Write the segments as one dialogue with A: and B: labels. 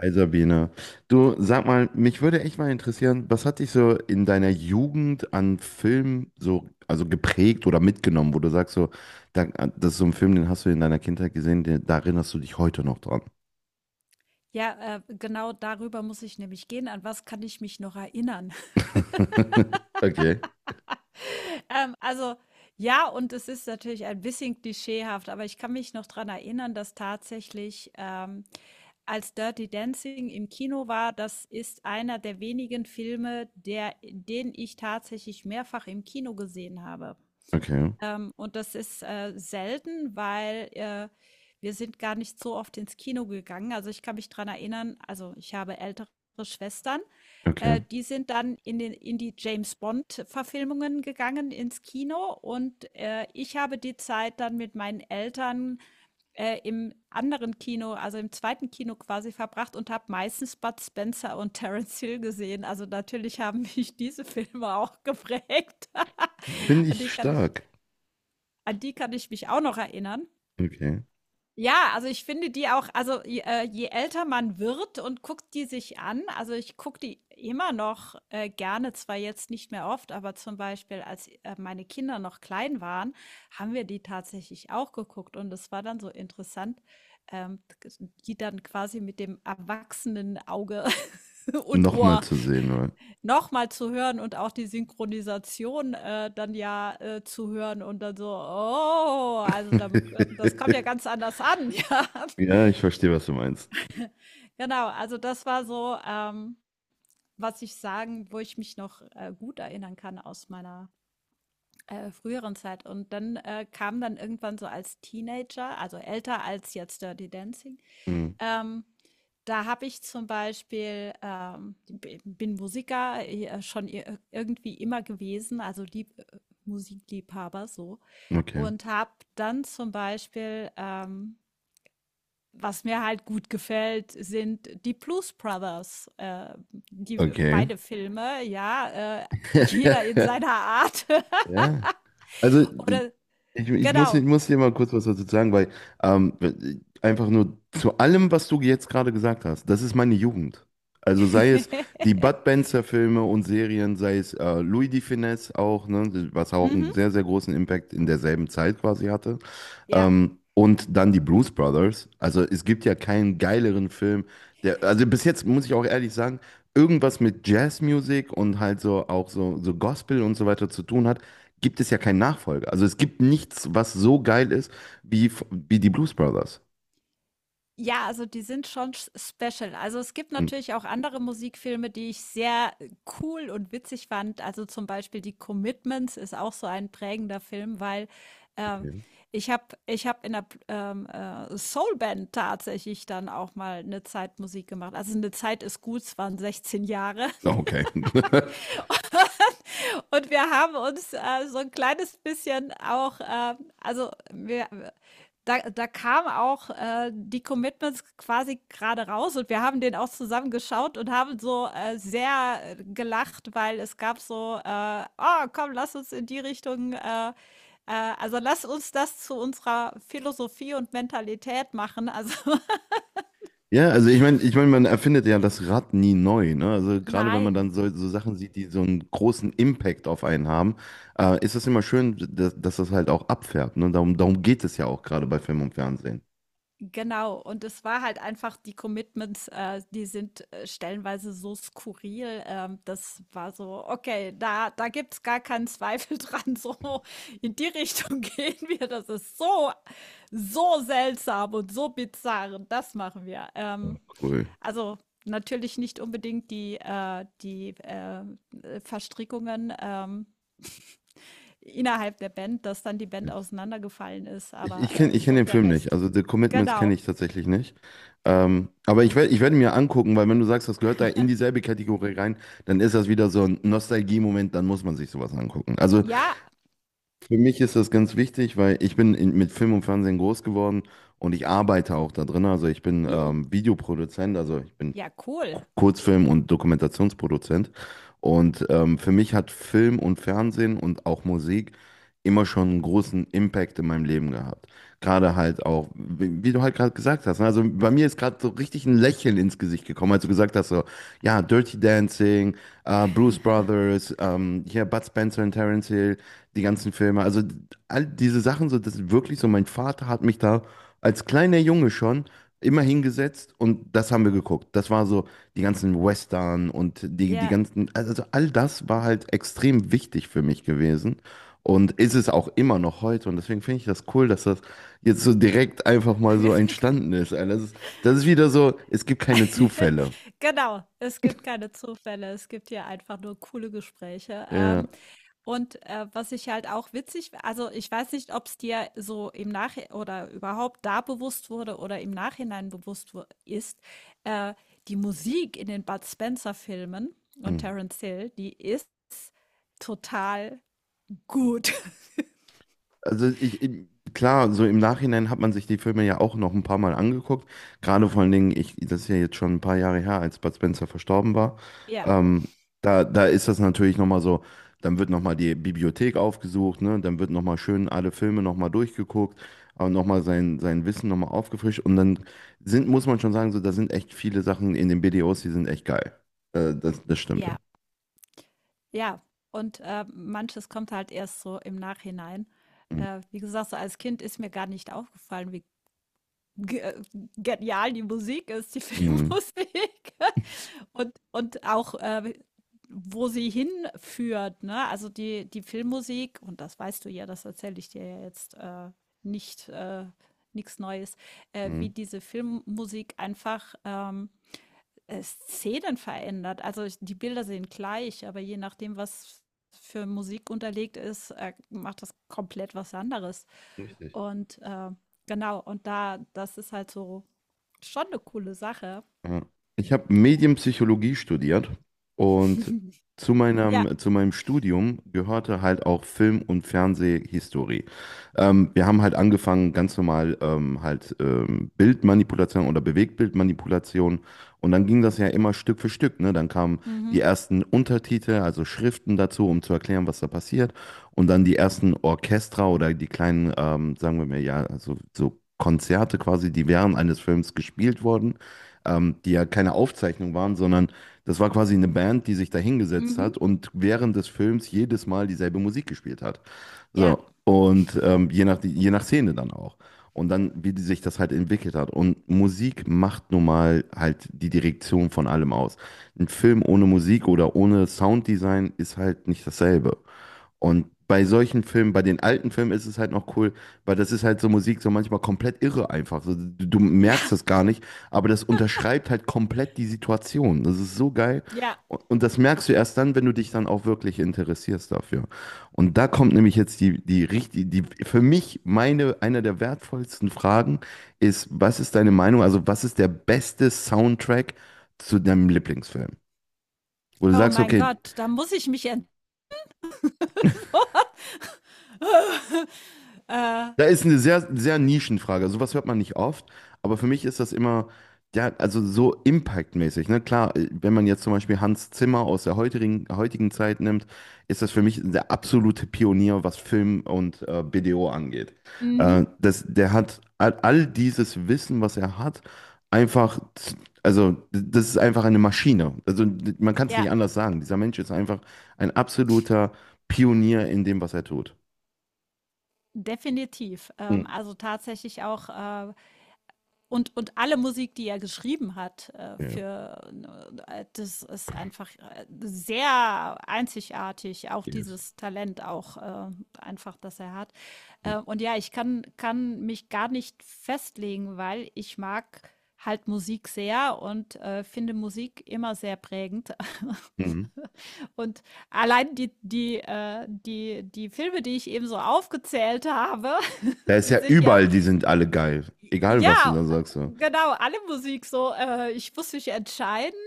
A: Hi Sabine, du sag mal, mich würde echt mal interessieren, was hat dich so in deiner Jugend an Film so geprägt oder mitgenommen, wo du sagst so, das ist so ein Film, den hast du in deiner Kindheit gesehen, da erinnerst du dich heute noch dran.
B: Ja, genau darüber muss ich nämlich gehen. An was kann ich mich noch erinnern?
A: Okay,
B: Ähm, also ja, und es ist natürlich ein bisschen klischeehaft, aber ich kann mich noch daran erinnern, dass tatsächlich als Dirty Dancing im Kino war, das ist einer der wenigen Filme, den ich tatsächlich mehrfach im Kino gesehen habe.
A: okay,
B: Und das ist, selten, weil, wir sind gar nicht so oft ins Kino gegangen. Also, ich kann mich dran erinnern, also ich habe ältere Schwestern,
A: okay.
B: die sind dann in die James-Bond-Verfilmungen gegangen ins Kino, und ich habe die Zeit dann mit meinen Eltern, im anderen Kino, also im zweiten Kino quasi verbracht und habe meistens Bud Spencer und Terence Hill gesehen. Also, natürlich haben mich diese Filme auch geprägt.
A: Bin
B: Die
A: ich
B: kann ich
A: stark?
B: An die kann ich mich auch noch erinnern.
A: Okay.
B: Ja, also ich finde die auch, also je älter man wird und guckt die sich an, also ich gucke die immer noch gerne, zwar jetzt nicht mehr oft, aber zum Beispiel, als meine Kinder noch klein waren, haben wir die tatsächlich auch geguckt, und es war dann so interessant, ähm, die dann quasi mit dem erwachsenen Auge und
A: Nochmal
B: Ohr
A: zu sehen, oder?
B: noch mal zu hören und auch die Synchronisation, dann ja, zu hören und dann so: „Oh, also damit, das kommt ja ganz anders an“, ja.
A: Ja, ich verstehe, was du meinst.
B: Genau, also das war so, was ich sagen, wo ich mich noch, gut erinnern kann aus meiner, früheren Zeit. Und dann, kam dann irgendwann so als Teenager, also älter als jetzt Dirty Dancing.
A: Mhm.
B: Ähm, da habe ich zum Beispiel, bin Musiker schon irgendwie immer gewesen, also Musikliebhaber so.
A: Okay,
B: Und habe dann zum Beispiel, was mir halt gut gefällt, sind die Blues Brothers, die
A: okay.
B: beide Filme, ja, jeder in seiner Art.
A: Ja. Also,
B: Oder
A: ich muss, ich
B: genau.
A: muss dir mal kurz was dazu sagen, weil ähm, einfach nur zu allem, was du jetzt gerade gesagt hast, das ist meine Jugend. Also sei es die Bud Spencer-Filme und Serien, sei es Louis de Funès auch, ne, was auch einen
B: Mhm,
A: sehr, sehr großen Impact in derselben Zeit quasi hatte.
B: ja.
A: Und dann die Blues Brothers. Also es gibt ja keinen geileren Film, der, also bis jetzt muss ich auch ehrlich sagen, irgendwas mit Jazzmusik und halt so auch so, so Gospel und so weiter zu tun hat, gibt es ja keinen Nachfolger. Also es gibt nichts, was so geil ist wie, wie die Blues Brothers.
B: Ja, also die sind schon s special. Also, es gibt
A: Und-
B: natürlich auch andere Musikfilme, die ich sehr cool und witzig fand. Also, zum Beispiel die Commitments ist auch so ein prägender Film, weil, ähm,
A: Okay.
B: ich habe in 'ner Soulband tatsächlich dann auch mal eine Zeit Musik gemacht. Also, eine Zeit ist gut, es waren 16 Jahre.
A: Oh, okay.
B: Und wir haben uns so ein kleines bisschen auch, also, wir da kamen auch, die Commitments quasi gerade raus, und wir haben den auch zusammen geschaut und haben so, sehr, gelacht, weil es gab so, „Oh, komm, lass uns in die Richtung, äh also, lass uns das zu unserer Philosophie und Mentalität machen.“ Also,
A: Ja, also ich meine, man erfindet ja das Rad nie neu, ne? Also gerade wenn man dann
B: nein.
A: so, so Sachen sieht, die so einen großen Impact auf einen haben, ist das immer schön, dass, dass das halt auch abfärbt, ne? Darum, darum geht es ja auch gerade bei Film und Fernsehen.
B: Genau, und es war halt einfach die Commitments, die sind stellenweise so skurril. Das war so, okay, da gibt's gar keinen Zweifel dran. So in die Richtung gehen wir. Das ist so, so seltsam und so bizarr. Und das machen wir.
A: Ja, cool.
B: Also natürlich nicht unbedingt die, die Verstrickungen, innerhalb der Band, dass dann die
A: Ja.
B: Band auseinandergefallen ist,
A: Ich
B: aber
A: kenne ich kenn
B: so
A: den
B: der
A: Film nicht,
B: Rest.
A: also The Commitments kenne
B: Genau.
A: ich tatsächlich nicht. Aber ich, ich werde mir angucken, weil wenn du sagst, das gehört da in dieselbe Kategorie rein, dann ist das wieder so ein Nostalgie-Moment, dann muss man sich sowas angucken. Also
B: Ja,
A: für mich ist das ganz wichtig, weil ich bin in, mit Film und Fernsehen groß geworden und ich arbeite auch da drin. Also ich bin
B: hm?
A: Videoproduzent, also ich bin
B: Ja, cool.
A: Kurzfilm- und Dokumentationsproduzent. Und für mich hat Film und Fernsehen und auch Musik immer schon einen großen Impact in meinem Leben gehabt. Gerade halt auch, wie, wie du halt gerade gesagt hast, ne? Also bei mir ist gerade so richtig ein Lächeln ins Gesicht gekommen, als du gesagt hast, so, ja, Dirty Dancing, Blues Brothers, hier Bud Spencer und Terence Hill, die ganzen Filme. Also all diese Sachen, so, das ist wirklich so, mein Vater hat mich da als kleiner Junge schon immer hingesetzt und das haben wir geguckt. Das war so die ganzen Western und die, die
B: Ja,
A: ganzen, also all das war halt extrem wichtig für mich gewesen und ist es auch immer noch heute. Und deswegen finde ich das cool, dass das jetzt so direkt einfach mal so entstanden ist. Das ist, das ist wieder so, es gibt keine Zufälle.
B: genau. Es gibt keine Zufälle. Es gibt hier einfach nur coole Gespräche.
A: Ja.
B: Und was ich halt auch witzig, also ich weiß nicht, ob es dir so im Nach oder überhaupt da bewusst wurde oder im Nachhinein ist, äh, die Musik in den Bud Spencer-Filmen und
A: Mhm.
B: Terence Hill, die ist total gut.
A: Also ich- klar, so im Nachhinein hat man sich die Filme ja auch noch ein paar Mal angeguckt. Gerade vor allen Dingen, ich, das ist ja jetzt schon ein paar Jahre her, als Bud Spencer verstorben war.
B: Ja,
A: Ähm, da, da ist das natürlich nochmal so, dann wird nochmal die Bibliothek aufgesucht, ne? Dann wird nochmal schön alle Filme nochmal durchgeguckt, aber nochmal sein, sein Wissen nochmal aufgefrischt. Und dann sind, muss man schon sagen, so, da sind echt viele Sachen in den BDOs, die sind echt geil. Das, das stimmt.
B: ja. Ja, und, manches kommt halt erst so im Nachhinein.
A: Mhm.
B: Wie gesagt, so als Kind ist mir gar nicht aufgefallen, wie ge genial die Musik ist, die
A: Mhm.
B: Filmmusik, und auch, wo sie hinführt, ne? Also, die Filmmusik, und das weißt du ja, das erzähle ich dir ja jetzt, nicht nix Neues, wie
A: Mhm.
B: diese Filmmusik einfach, Szenen verändert. Also ich, die Bilder sehen gleich, aber je nachdem, was für Musik unterlegt ist, macht das komplett was anderes.
A: Richtig.
B: Und genau, und da, das ist halt so schon eine coole Sache.
A: Ja. Ich habe Medienpsychologie studiert und
B: Ja.
A: zu meinem Studium gehörte halt auch Film- und Fernsehhistorie. Wir haben halt angefangen, ganz normal Bildmanipulation oder Bewegtbildmanipulation. Und dann ging das ja immer Stück für Stück, ne? Dann kamen die
B: Mhm.
A: ersten Untertitel, also Schriften dazu, um zu erklären, was da passiert. Und dann die ersten Orchester oder die kleinen, sagen wir mal, ja, also so Konzerte quasi, die während eines Films gespielt wurden, die ja keine Aufzeichnung waren, sondern das war quasi eine Band, die sich da hingesetzt hat
B: Mhm.
A: und während des Films jedes Mal dieselbe Musik gespielt hat.
B: Ja.
A: So, und je nach Szene dann auch. Und dann, wie die sich das halt entwickelt hat. Und Musik macht nun mal halt die Direktion von allem aus. Ein Film ohne Musik oder ohne Sounddesign ist halt nicht dasselbe. Und bei solchen Filmen, bei den alten Filmen ist es halt noch cool, weil das ist halt so Musik, so manchmal komplett irre einfach. So, du merkst
B: Ja.
A: das gar nicht, aber das unterschreibt halt komplett die Situation. Das ist so geil.
B: Ja.
A: Und das merkst du erst dann, wenn du dich dann auch wirklich interessierst dafür. Und da kommt nämlich jetzt die, die richtig, die, für mich meine, einer der wertvollsten Fragen ist, was ist deine Meinung? Also, was ist der beste Soundtrack zu deinem Lieblingsfilm? Wo du
B: Oh
A: sagst,
B: mein
A: okay,
B: Gott, da muss ich mich ent so. äh,
A: da ist eine sehr, sehr Nischenfrage. Sowas hört man nicht oft, aber für mich ist das immer, ja, also so impactmäßig. Ne? Klar, wenn man jetzt zum Beispiel Hans Zimmer aus der heutigen, heutigen Zeit nimmt, ist das für mich der absolute Pionier, was Film und B D O angeht.
B: mhm.
A: Das, der hat all, all dieses Wissen, was er hat, einfach, also das ist einfach eine Maschine. Also man kann es nicht
B: Ja,
A: anders sagen. Dieser Mensch ist einfach ein absoluter Pionier in dem, was er tut.
B: definitiv.
A: Mm.
B: Also tatsächlich auch und alle Musik, die er geschrieben hat,
A: Ja,
B: für das ist einfach sehr einzigartig, auch
A: yes.
B: dieses Talent auch, einfach, das er hat. Und ja, kann mich gar nicht festlegen, weil ich mag halt Musik sehr und finde Musik immer sehr prägend.
A: Mhm.
B: Und allein die Filme, die ich eben so aufgezählt habe,
A: Da ist
B: die
A: ja
B: sind ja,
A: überall, die sind alle geil. Egal, was du
B: ja,
A: da sagst. So.
B: genau, alle Musik so. Ich muss mich entscheiden.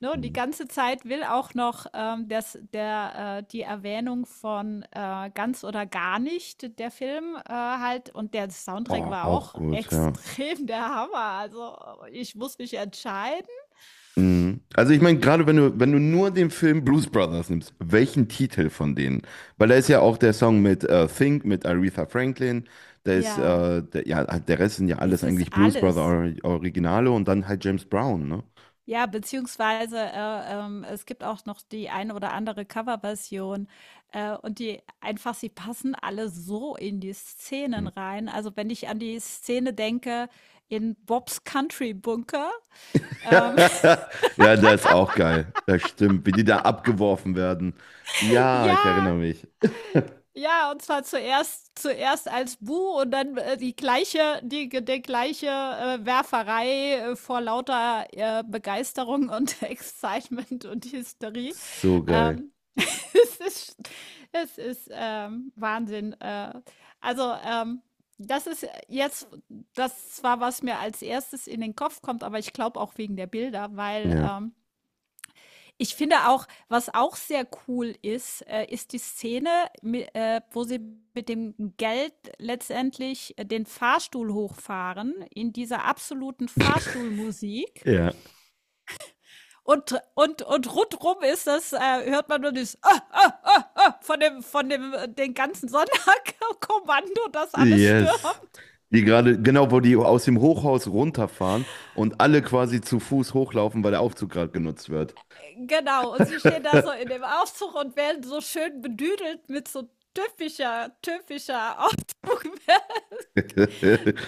B: Ne? Und die
A: Mhm.
B: ganze Zeit will auch noch die Erwähnung von ganz oder gar nicht, der Film halt. Und der Soundtrack
A: Oh,
B: war
A: auch
B: auch
A: gut, ja.
B: extrem der Hammer. Also ich muss mich entscheiden.
A: Mhm. Also ich meine, gerade wenn du, wenn du nur den Film Blues Brothers nimmst, welchen Titel von denen? Weil da ist ja auch der Song mit Think, mit Aretha Franklin, da ist,
B: Ja,
A: der, ja, der Rest sind ja
B: es
A: alles
B: ist
A: eigentlich Blues Brother
B: alles.
A: Or Originale und dann halt James Brown, ne?
B: Ja, beziehungsweise, es gibt auch noch die eine oder andere Coverversion, und die, einfach sie passen alle so in die Szenen
A: Mhm.
B: rein. Also, wenn ich an die Szene denke in Bobs Country Bunker, ähm,
A: Ja, der ist auch geil. Das stimmt, wie die da abgeworfen werden. Ja,
B: ja,
A: ich erinnere mich.
B: ja, und zwar zuerst als Bu und dann, die gleiche die ge der gleiche, Werferei, vor lauter, Begeisterung und Excitement und Hysterie.
A: So geil.
B: Ähm, es ist es ist Wahnsinn. Also, das ist jetzt das zwar, was mir als erstes in den Kopf kommt, aber ich glaube auch wegen der Bilder, weil,
A: Ja.
B: ich finde auch, was auch sehr cool ist, ist die Szene, wo sie mit dem Geld letztendlich den Fahrstuhl hochfahren in dieser absoluten Fahrstuhlmusik.
A: Ja.
B: Und, und rundrum ist das, hört man nur das ah, von dem, den ganzen Sonderkommando, das alles
A: Yes.
B: stürmt.
A: Die gerade, genau, wo die aus dem Hochhaus runterfahren und alle quasi zu Fuß hochlaufen, weil der Aufzug gerade genutzt wird.
B: Genau. Und sie stehen da so in dem Aufzug und werden so schön bedüdelt mit so typischer, typischer Aufzug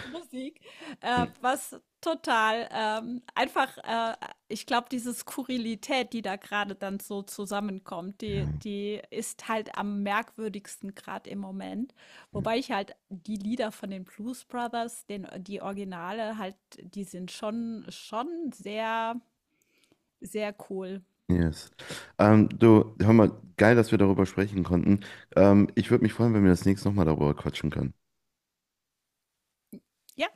B: Musik, was total ich glaube, diese Skurrilität, die da gerade dann so zusammenkommt,
A: Ja.
B: die ist halt am merkwürdigsten gerade im Moment. Wobei ich halt die Lieder von den Blues Brothers, die Originale, halt, die sind schon, schon sehr, sehr cool.
A: Yes. Du, hör mal, geil, dass wir darüber sprechen konnten. Ich würde mich freuen, wenn wir das nächste Mal darüber quatschen können.
B: Ja,